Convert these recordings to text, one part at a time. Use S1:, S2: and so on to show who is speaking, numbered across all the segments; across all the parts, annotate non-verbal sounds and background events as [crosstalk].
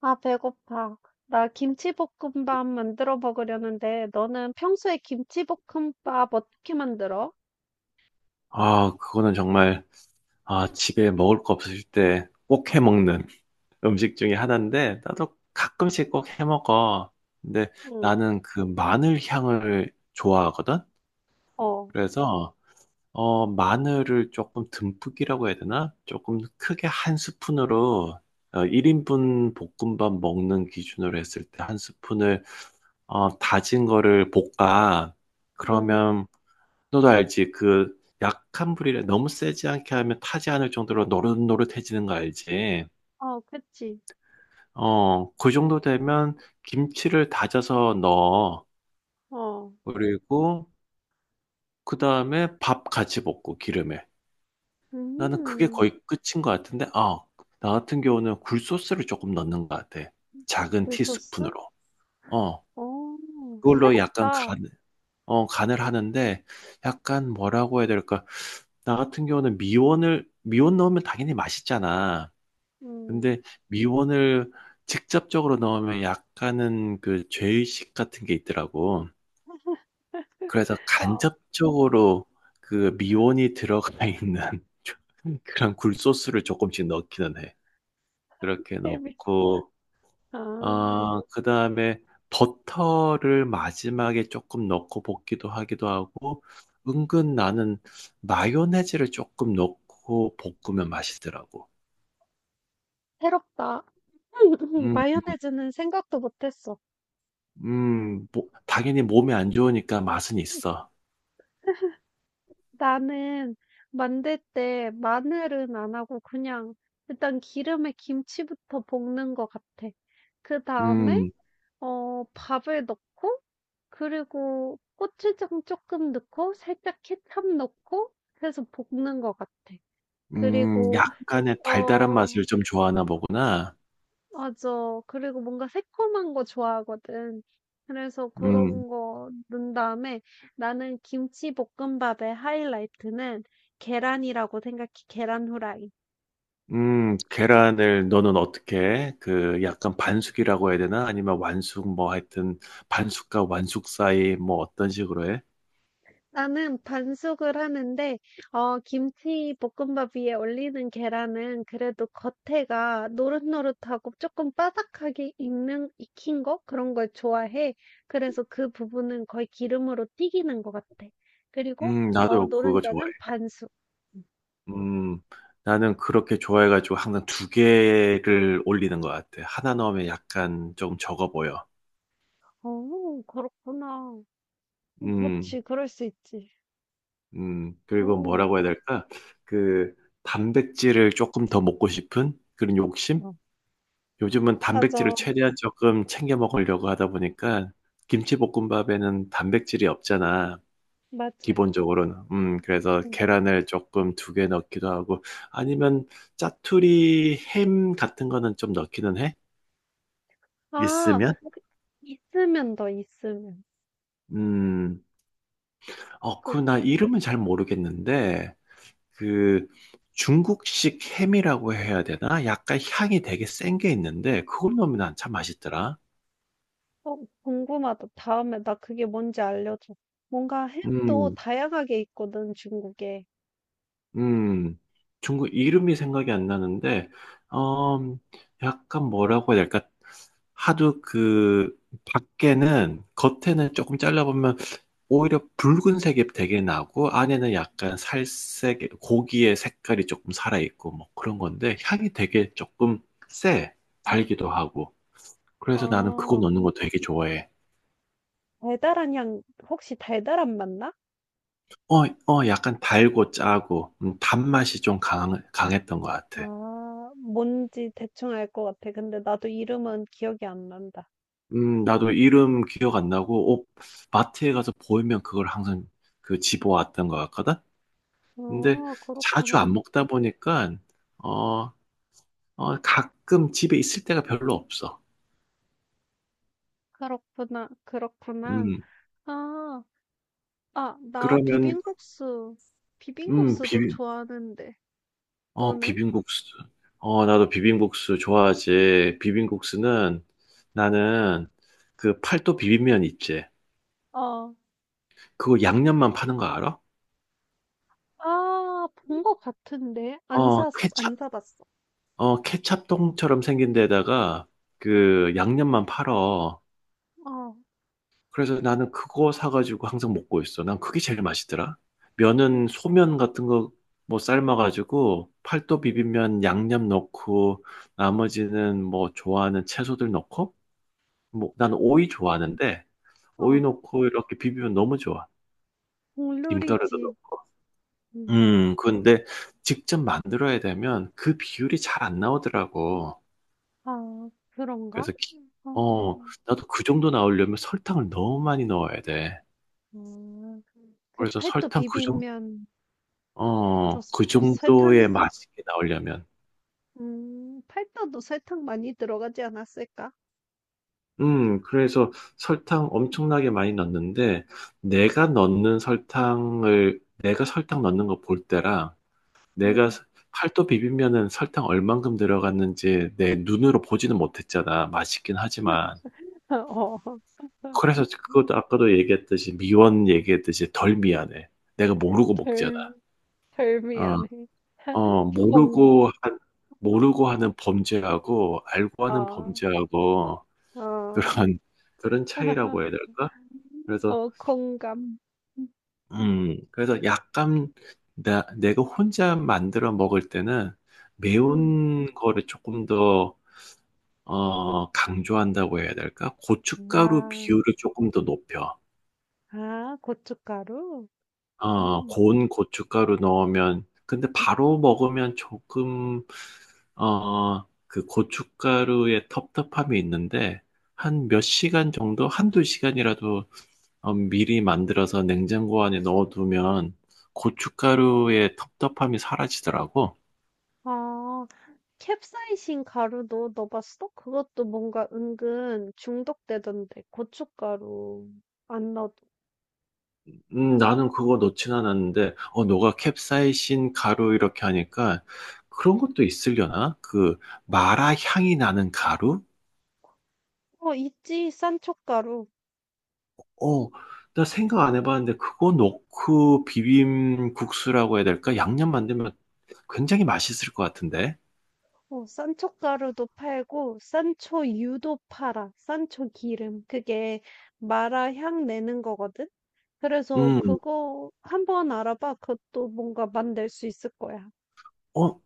S1: 아, 배고파. 나 김치볶음밥 만들어 먹으려는데, 너는 평소에 김치볶음밥 어떻게 만들어?
S2: 그거는 정말, 집에 먹을 거 없을 때 꼭 해 먹는 [laughs] 음식 중에 하나인데, 나도 가끔씩 꼭 해 먹어. 근데
S1: 응.
S2: 나는 그 마늘 향을 좋아하거든?
S1: 어.
S2: 그래서, 마늘을 조금 듬뿍이라고 해야 되나? 조금 크게 한 스푼으로, 1인분 볶음밥 먹는 기준으로 했을 때 한 스푼을, 다진 거를 볶아.
S1: 응.
S2: 그러면 너도 알지? 그 약한 불이라 너무 세지 않게 하면 타지 않을 정도로 노릇노릇해지는 거 알지?
S1: 어, 그치.
S2: 그 정도 되면 김치를 다져서 넣어.
S1: 어.
S2: 그리고 그 다음에 밥 같이 볶고 기름에. 나는 그게
S1: 음.
S2: 거의 끝인 것 같은데, 나 같은 경우는 굴소스를 조금 넣는 것 같아. 작은
S1: 굴소스?
S2: 티스푼으로. 어,
S1: 어.
S2: 그걸로 약간
S1: 새롭다.
S2: 간, 간을 하는데, 약간 뭐라고 해야 될까? 나 같은 경우는 미원 넣으면 당연히 맛있잖아.
S1: 음.
S2: 근데 미원을 직접적으로 넣으면 약간은 그 죄의식 같은 게 있더라고. 그래서
S1: 어. [laughs]
S2: 간접적으로 그 미원이 들어가 있는 [laughs] 그런 굴소스를 조금씩 넣기는 해. 그렇게
S1: 재밌어.
S2: 넣고,
S1: 아.
S2: 그 다음에 버터를 마지막에 조금 넣고 볶기도 하기도 하고, 은근 나는 마요네즈를 조금 넣고 볶으면 맛있더라고.
S1: 새롭다. [laughs]
S2: 음,
S1: 마요네즈는 생각도 못했어.
S2: 뭐, 당연히 몸에 안 좋으니까 맛은 있어.
S1: 나는 만들 때 마늘은 안 하고 그냥 일단 기름에 김치부터 볶는 것 같아. 그 다음에
S2: 음,
S1: 밥을 넣고 그리고 고추장 조금 넣고 살짝 케첩 넣고 해서 볶는 것 같아. 그리고
S2: 약간의 달달한
S1: 어
S2: 맛을 좀 좋아하나 보구나.
S1: 맞아. 그리고 뭔가 새콤한 거 좋아하거든. 그래서
S2: 음,
S1: 그런 거 넣은 다음에 나는 김치볶음밥의 하이라이트는 계란이라고 생각해. 계란 후라이.
S2: 계란을 너는 어떻게 그 약간 반숙이라고 해야 되나? 아니면 완숙 뭐 하여튼 반숙과 완숙 사이 뭐 어떤 식으로 해?
S1: 나는 반숙을 하는데, 김치볶음밥 위에 올리는 계란은 그래도 겉에가 노릇노릇하고 조금 바삭하게 익는, 익힌 거? 그런 걸 좋아해. 그래서 그 부분은 거의 기름으로 튀기는 것 같아. 그리고, 어,
S2: 나도 그거 좋아해.
S1: 노른자는 반숙.
S2: 음, 나는 그렇게 좋아해가지고 항상 두 개를 올리는 것 같아. 하나 넣으면 약간 조금 적어 보여.
S1: 어 그렇구나. 그
S2: 음.
S1: 지 그럴 수 있지.
S2: 그리고
S1: 어.
S2: 뭐라고 해야 될까? 그 단백질을 조금 더 먹고 싶은 그런 욕심?
S1: 어.
S2: 요즘은 단백질을
S1: 맞아.
S2: 최대한 조금 챙겨 먹으려고 하다 보니까 김치볶음밥에는 단백질이 없잖아.
S1: 맞아.
S2: 기본적으로는. 그래서
S1: 응.
S2: 계란을 조금 두 개 넣기도 하고 아니면 짜투리 햄 같은 거는 좀 넣기는 해?
S1: 아
S2: 있으면?
S1: 있으면 더 있으면.
S2: 음,
S1: 그
S2: 그 나 이름은 잘 모르겠는데 그 중국식 햄이라고 해야 되나? 약간 향이 되게 센 게 있는데 그걸 넣으면 난참 맛있더라.
S1: 어 궁금하다. 다음에 나 그게 뭔지 알려줘. 뭔가 햄도
S2: 음,
S1: 다양하게 있거든 중국에.
S2: 음, 중국 이름이 생각이 안 나는데 어, 약간 뭐라고 해야 될까? 하도 그 밖에는 겉에는 조금 잘라보면 오히려 붉은색이 되게 나고 안에는 약간 살색 고기의 색깔이 조금 살아있고 뭐 그런 건데 향이 되게 조금 세 달기도 하고 그래서 나는 그거
S1: 아
S2: 넣는 거 되게 좋아해.
S1: 달달한 향 혹시 달달한 맛나?
S2: 약간 달고 짜고, 강했던 것 같아.
S1: 아 뭔지 대충 알 것 같아. 근데 나도 이름은 기억이 안 난다.
S2: 나도 이름 기억 안 나고, 마트에 가서 보이면 그걸 항상 그 집어왔던 것 같거든? 근데
S1: 어
S2: 자주
S1: 그렇구나.
S2: 안 먹다 보니까, 어, 가끔 집에 있을 때가 별로 없어.
S1: 그렇구나, 그렇구나.
S2: 음,
S1: 아. 아, 나
S2: 그러면,
S1: 비빔국수,
S2: 음,
S1: 비빔국수도
S2: 비빔,
S1: 좋아하는데, 너는?
S2: 비빔국수. 나도 비빔국수 좋아하지. 비빔국수는 나는 그 팔도 비빔면 있지.
S1: 어.
S2: 그거 양념만 파는 거 알아?
S1: 아, 본 것 같은데? 안
S2: 어,
S1: 사서,
S2: 케찹,
S1: 안 사봤어.
S2: 케찹통처럼 생긴 데다가 그 양념만 팔어.
S1: 어.
S2: 그래서 나는 그거 사가지고 항상 먹고 있어. 난 그게 제일 맛있더라. 면은
S1: 음.
S2: 소면 같은 거 뭐 삶아가지고 팔도
S1: 음.
S2: 비빔면 양념 넣고 나머지는 뭐 좋아하는 채소들 넣고 뭐 난 오이 좋아하는데
S1: 어.
S2: 오이
S1: 어.
S2: 넣고 이렇게 비비면 너무 좋아. 김가루도
S1: 국룰이지.
S2: 넣고.
S1: 음.
S2: 근데 직접 만들어야 되면 그 비율이 잘 안 나오더라고.
S1: 아, 그런가?
S2: 그래서 기-
S1: 어.
S2: 어 나도 그 정도 나오려면 설탕을 너무 많이 넣어야 돼.
S1: 음. 그
S2: 그래서
S1: 팔도
S2: 설탕 그 정,
S1: 비빔면, 너
S2: 그 정도의
S1: 설탕,
S2: 맛있게 나오려면.
S1: 팔도도 설탕 많이 들어가지 않았을까?
S2: 그래서 설탕 엄청나게 많이 넣는데, 내가 설탕 넣는 거 볼 때랑, 내가
S1: 음.
S2: 스- 팔도 비빔면은 설탕 얼만큼 들어갔는지 내 눈으로 보지는 못했잖아. 맛있긴 하지만.
S1: [laughs] 어. [laughs]
S2: 그래서 그것도 아까도 얘기했듯이, 미원 얘기했듯이 덜 미안해. 내가 모르고 먹잖아.
S1: 덜.
S2: 어,
S1: 별미하네.
S2: 어,
S1: [laughs] 공,
S2: 모르고 한, 모르고 하는 범죄하고 알고 하는
S1: 아.
S2: 범죄하고
S1: 어.
S2: 그런, 그런
S1: [laughs]
S2: 차이라고 해야 될까? 그래서,
S1: 어, 공감.
S2: 그래서 약간 내가 혼자 만들어 먹을 때는
S1: 음.
S2: 매운 거를 조금 더, 강조한다고 해야 될까? 고춧가루
S1: 아.
S2: 비율을 조금 더 높여.
S1: 아, 고춧가루? 음.
S2: 고운 고춧가루 넣으면, 근데 바로 먹으면 조금 그 고춧가루의 텁텁함이 있는데, 한 몇 시간 정도, 한두 시간이라도 미리 만들어서 냉장고 안에 넣어두면 고춧가루의 텁텁함이 사라지더라고.
S1: 아, 캡사이신 가루도 넣어봤어? 그것도 뭔가 은근 중독되던데, 고춧가루 안 넣어도.
S2: 나는 그거 넣진 않았는데, 너가 캡사이신 가루 이렇게 하니까 그런 것도 있으려나? 그 마라 향이 나는 가루?
S1: 어, 있지, 산초가루.
S2: 어, 나 생각 안 해봤는데 그거 넣고 비빔국수라고 해야 될까? 양념 만들면 굉장히 맛있을 것 같은데.
S1: 어, 산초가루도 팔고, 산초유도 팔아, 산초기름. 그게 마라 향 내는 거거든? 그래서
S2: 음,
S1: 그거 한번 알아봐. 그것도 뭔가 만들 수 있을 거야.
S2: 어,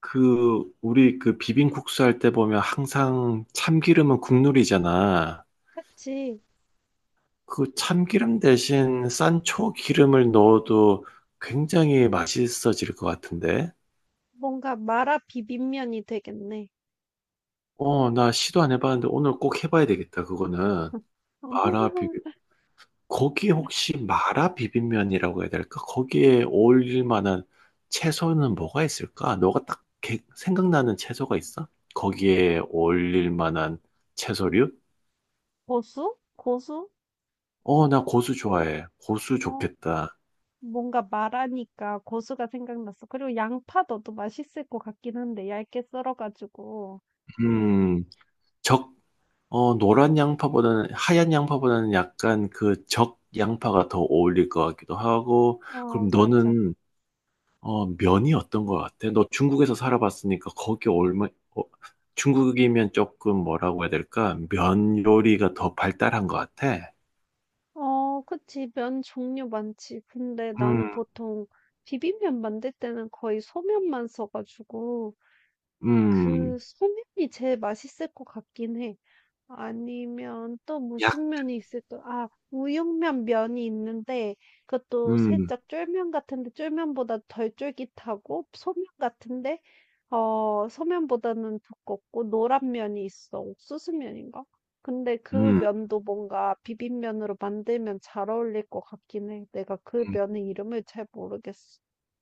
S2: 그, 우리 그 비빔국수 할 때 보면 항상 참기름은 국룰이잖아.
S1: 그치?
S2: 그 참기름 대신 산초 기름을 넣어도 굉장히 맛있어질 것 같은데.
S1: 뭔가 마라 비빔면이 되겠네.
S2: 나 시도 안 해봤는데 오늘 꼭 해봐야 되겠다, 그거는. 마라 비빔,
S1: [laughs]
S2: 거기 혹시 마라 비빔면이라고 해야 될까? 거기에 어울릴 만한 채소는 뭐가 있을까? 너가 생각나는 채소가 있어? 거기에 어울릴 만한 채소류?
S1: 고수? 고수?
S2: 나 고수 좋아해. 고수
S1: 어,
S2: 좋겠다.
S1: 뭔가 마라니까 고수가 생각났어. 그리고 양파 넣어도 맛있을 것 같긴 한데, 얇게 썰어가지고. 음.
S2: 음, 적, 하얀 양파보다는 약간 그 적 양파가 더 어울릴 것 같기도 하고, 그럼
S1: 어, 맞아.
S2: 너는, 면이 어떤 것 같아? 너 중국에서 살아봤으니까 거기 얼마, 어, 중국이면 조금 뭐라고 해야 될까? 면 요리가 더 발달한 것 같아.
S1: 어, 그치. 면 종류 많지. 근데 나는
S2: 음,
S1: 보통 비빔면 만들 때는 거의 소면만 써가지고, 그
S2: 음,
S1: 소면이 제일 맛있을 것 같긴 해. 아니면 또
S2: 약,
S1: 무슨 면이 있을까? 아, 우육면 면이 있는데 그것도
S2: 음,
S1: 살짝 쫄면 같은데 쫄면보다 덜 쫄깃하고 소면 같은데 어, 소면보다는 두껍고 노란 면이 있어. 옥수수 면인가? 근데 그
S2: 음.
S1: 면도 뭔가 비빔면으로 만들면 잘 어울릴 것 같긴 해. 내가 그
S2: 음,
S1: 면의 이름을 잘 모르겠어.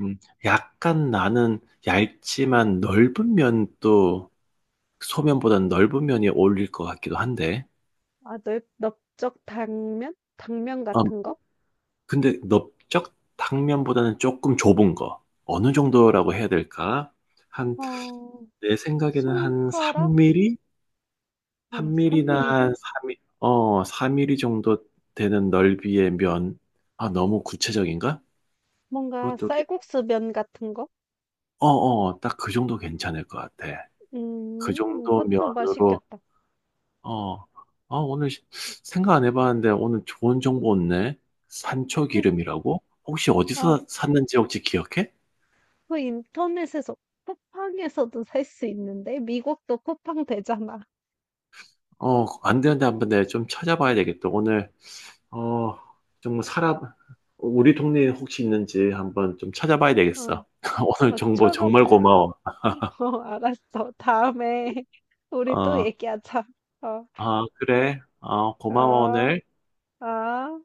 S2: 음. 약간 나는 얇지만 넓은 면도 소면보다는 넓은 면이 어울릴 것 같기도 한데.
S1: 아, 넓, 넓적 당면? 당면
S2: 아,
S1: 같은 거?
S2: 근데 넓적 탕면보다는 조금 좁은 거. 어느 정도라고 해야 될까? 한,
S1: 어,
S2: 내 생각에는 한
S1: 손가락?
S2: 3mm?
S1: 아 3
S2: 3mm나 한
S1: 밀리?
S2: 3mm, 4mm 정도 되는 넓이의 면. 아, 너무 구체적인가?
S1: 뭔가
S2: 그것도, 괜-
S1: 쌀국수 면 같은 거?
S2: 딱 그 정도 괜찮을 것 같아. 그 정도
S1: 그것도
S2: 면으로
S1: 맛있겠다.
S2: 어, 생각 안 해봤는데 오늘 좋은 정보 없네. 산초 기름이라고? 혹시
S1: 아
S2: 어디서 샀는지 혹시 기억해?
S1: 그 인터넷에서 쿠팡에서도 살 수 있는데 미국도 쿠팡 되잖아.
S2: 안 되는데 한번 내가 좀 찾아봐야 되겠다. 오늘, 어, 좀 사람, 우리 동네에 혹시 있는지 한번 좀 찾아봐야
S1: 어
S2: 되겠어. [laughs] 오늘
S1: 막
S2: 정보
S1: 초록
S2: 정말 고마워.
S1: [laughs] 어 알았어. 다음에 [laughs] 우리 또
S2: 어,
S1: 얘기하자. 어.
S2: 아, 그래. 어, 고마워,
S1: 어.
S2: 오늘.
S1: 어.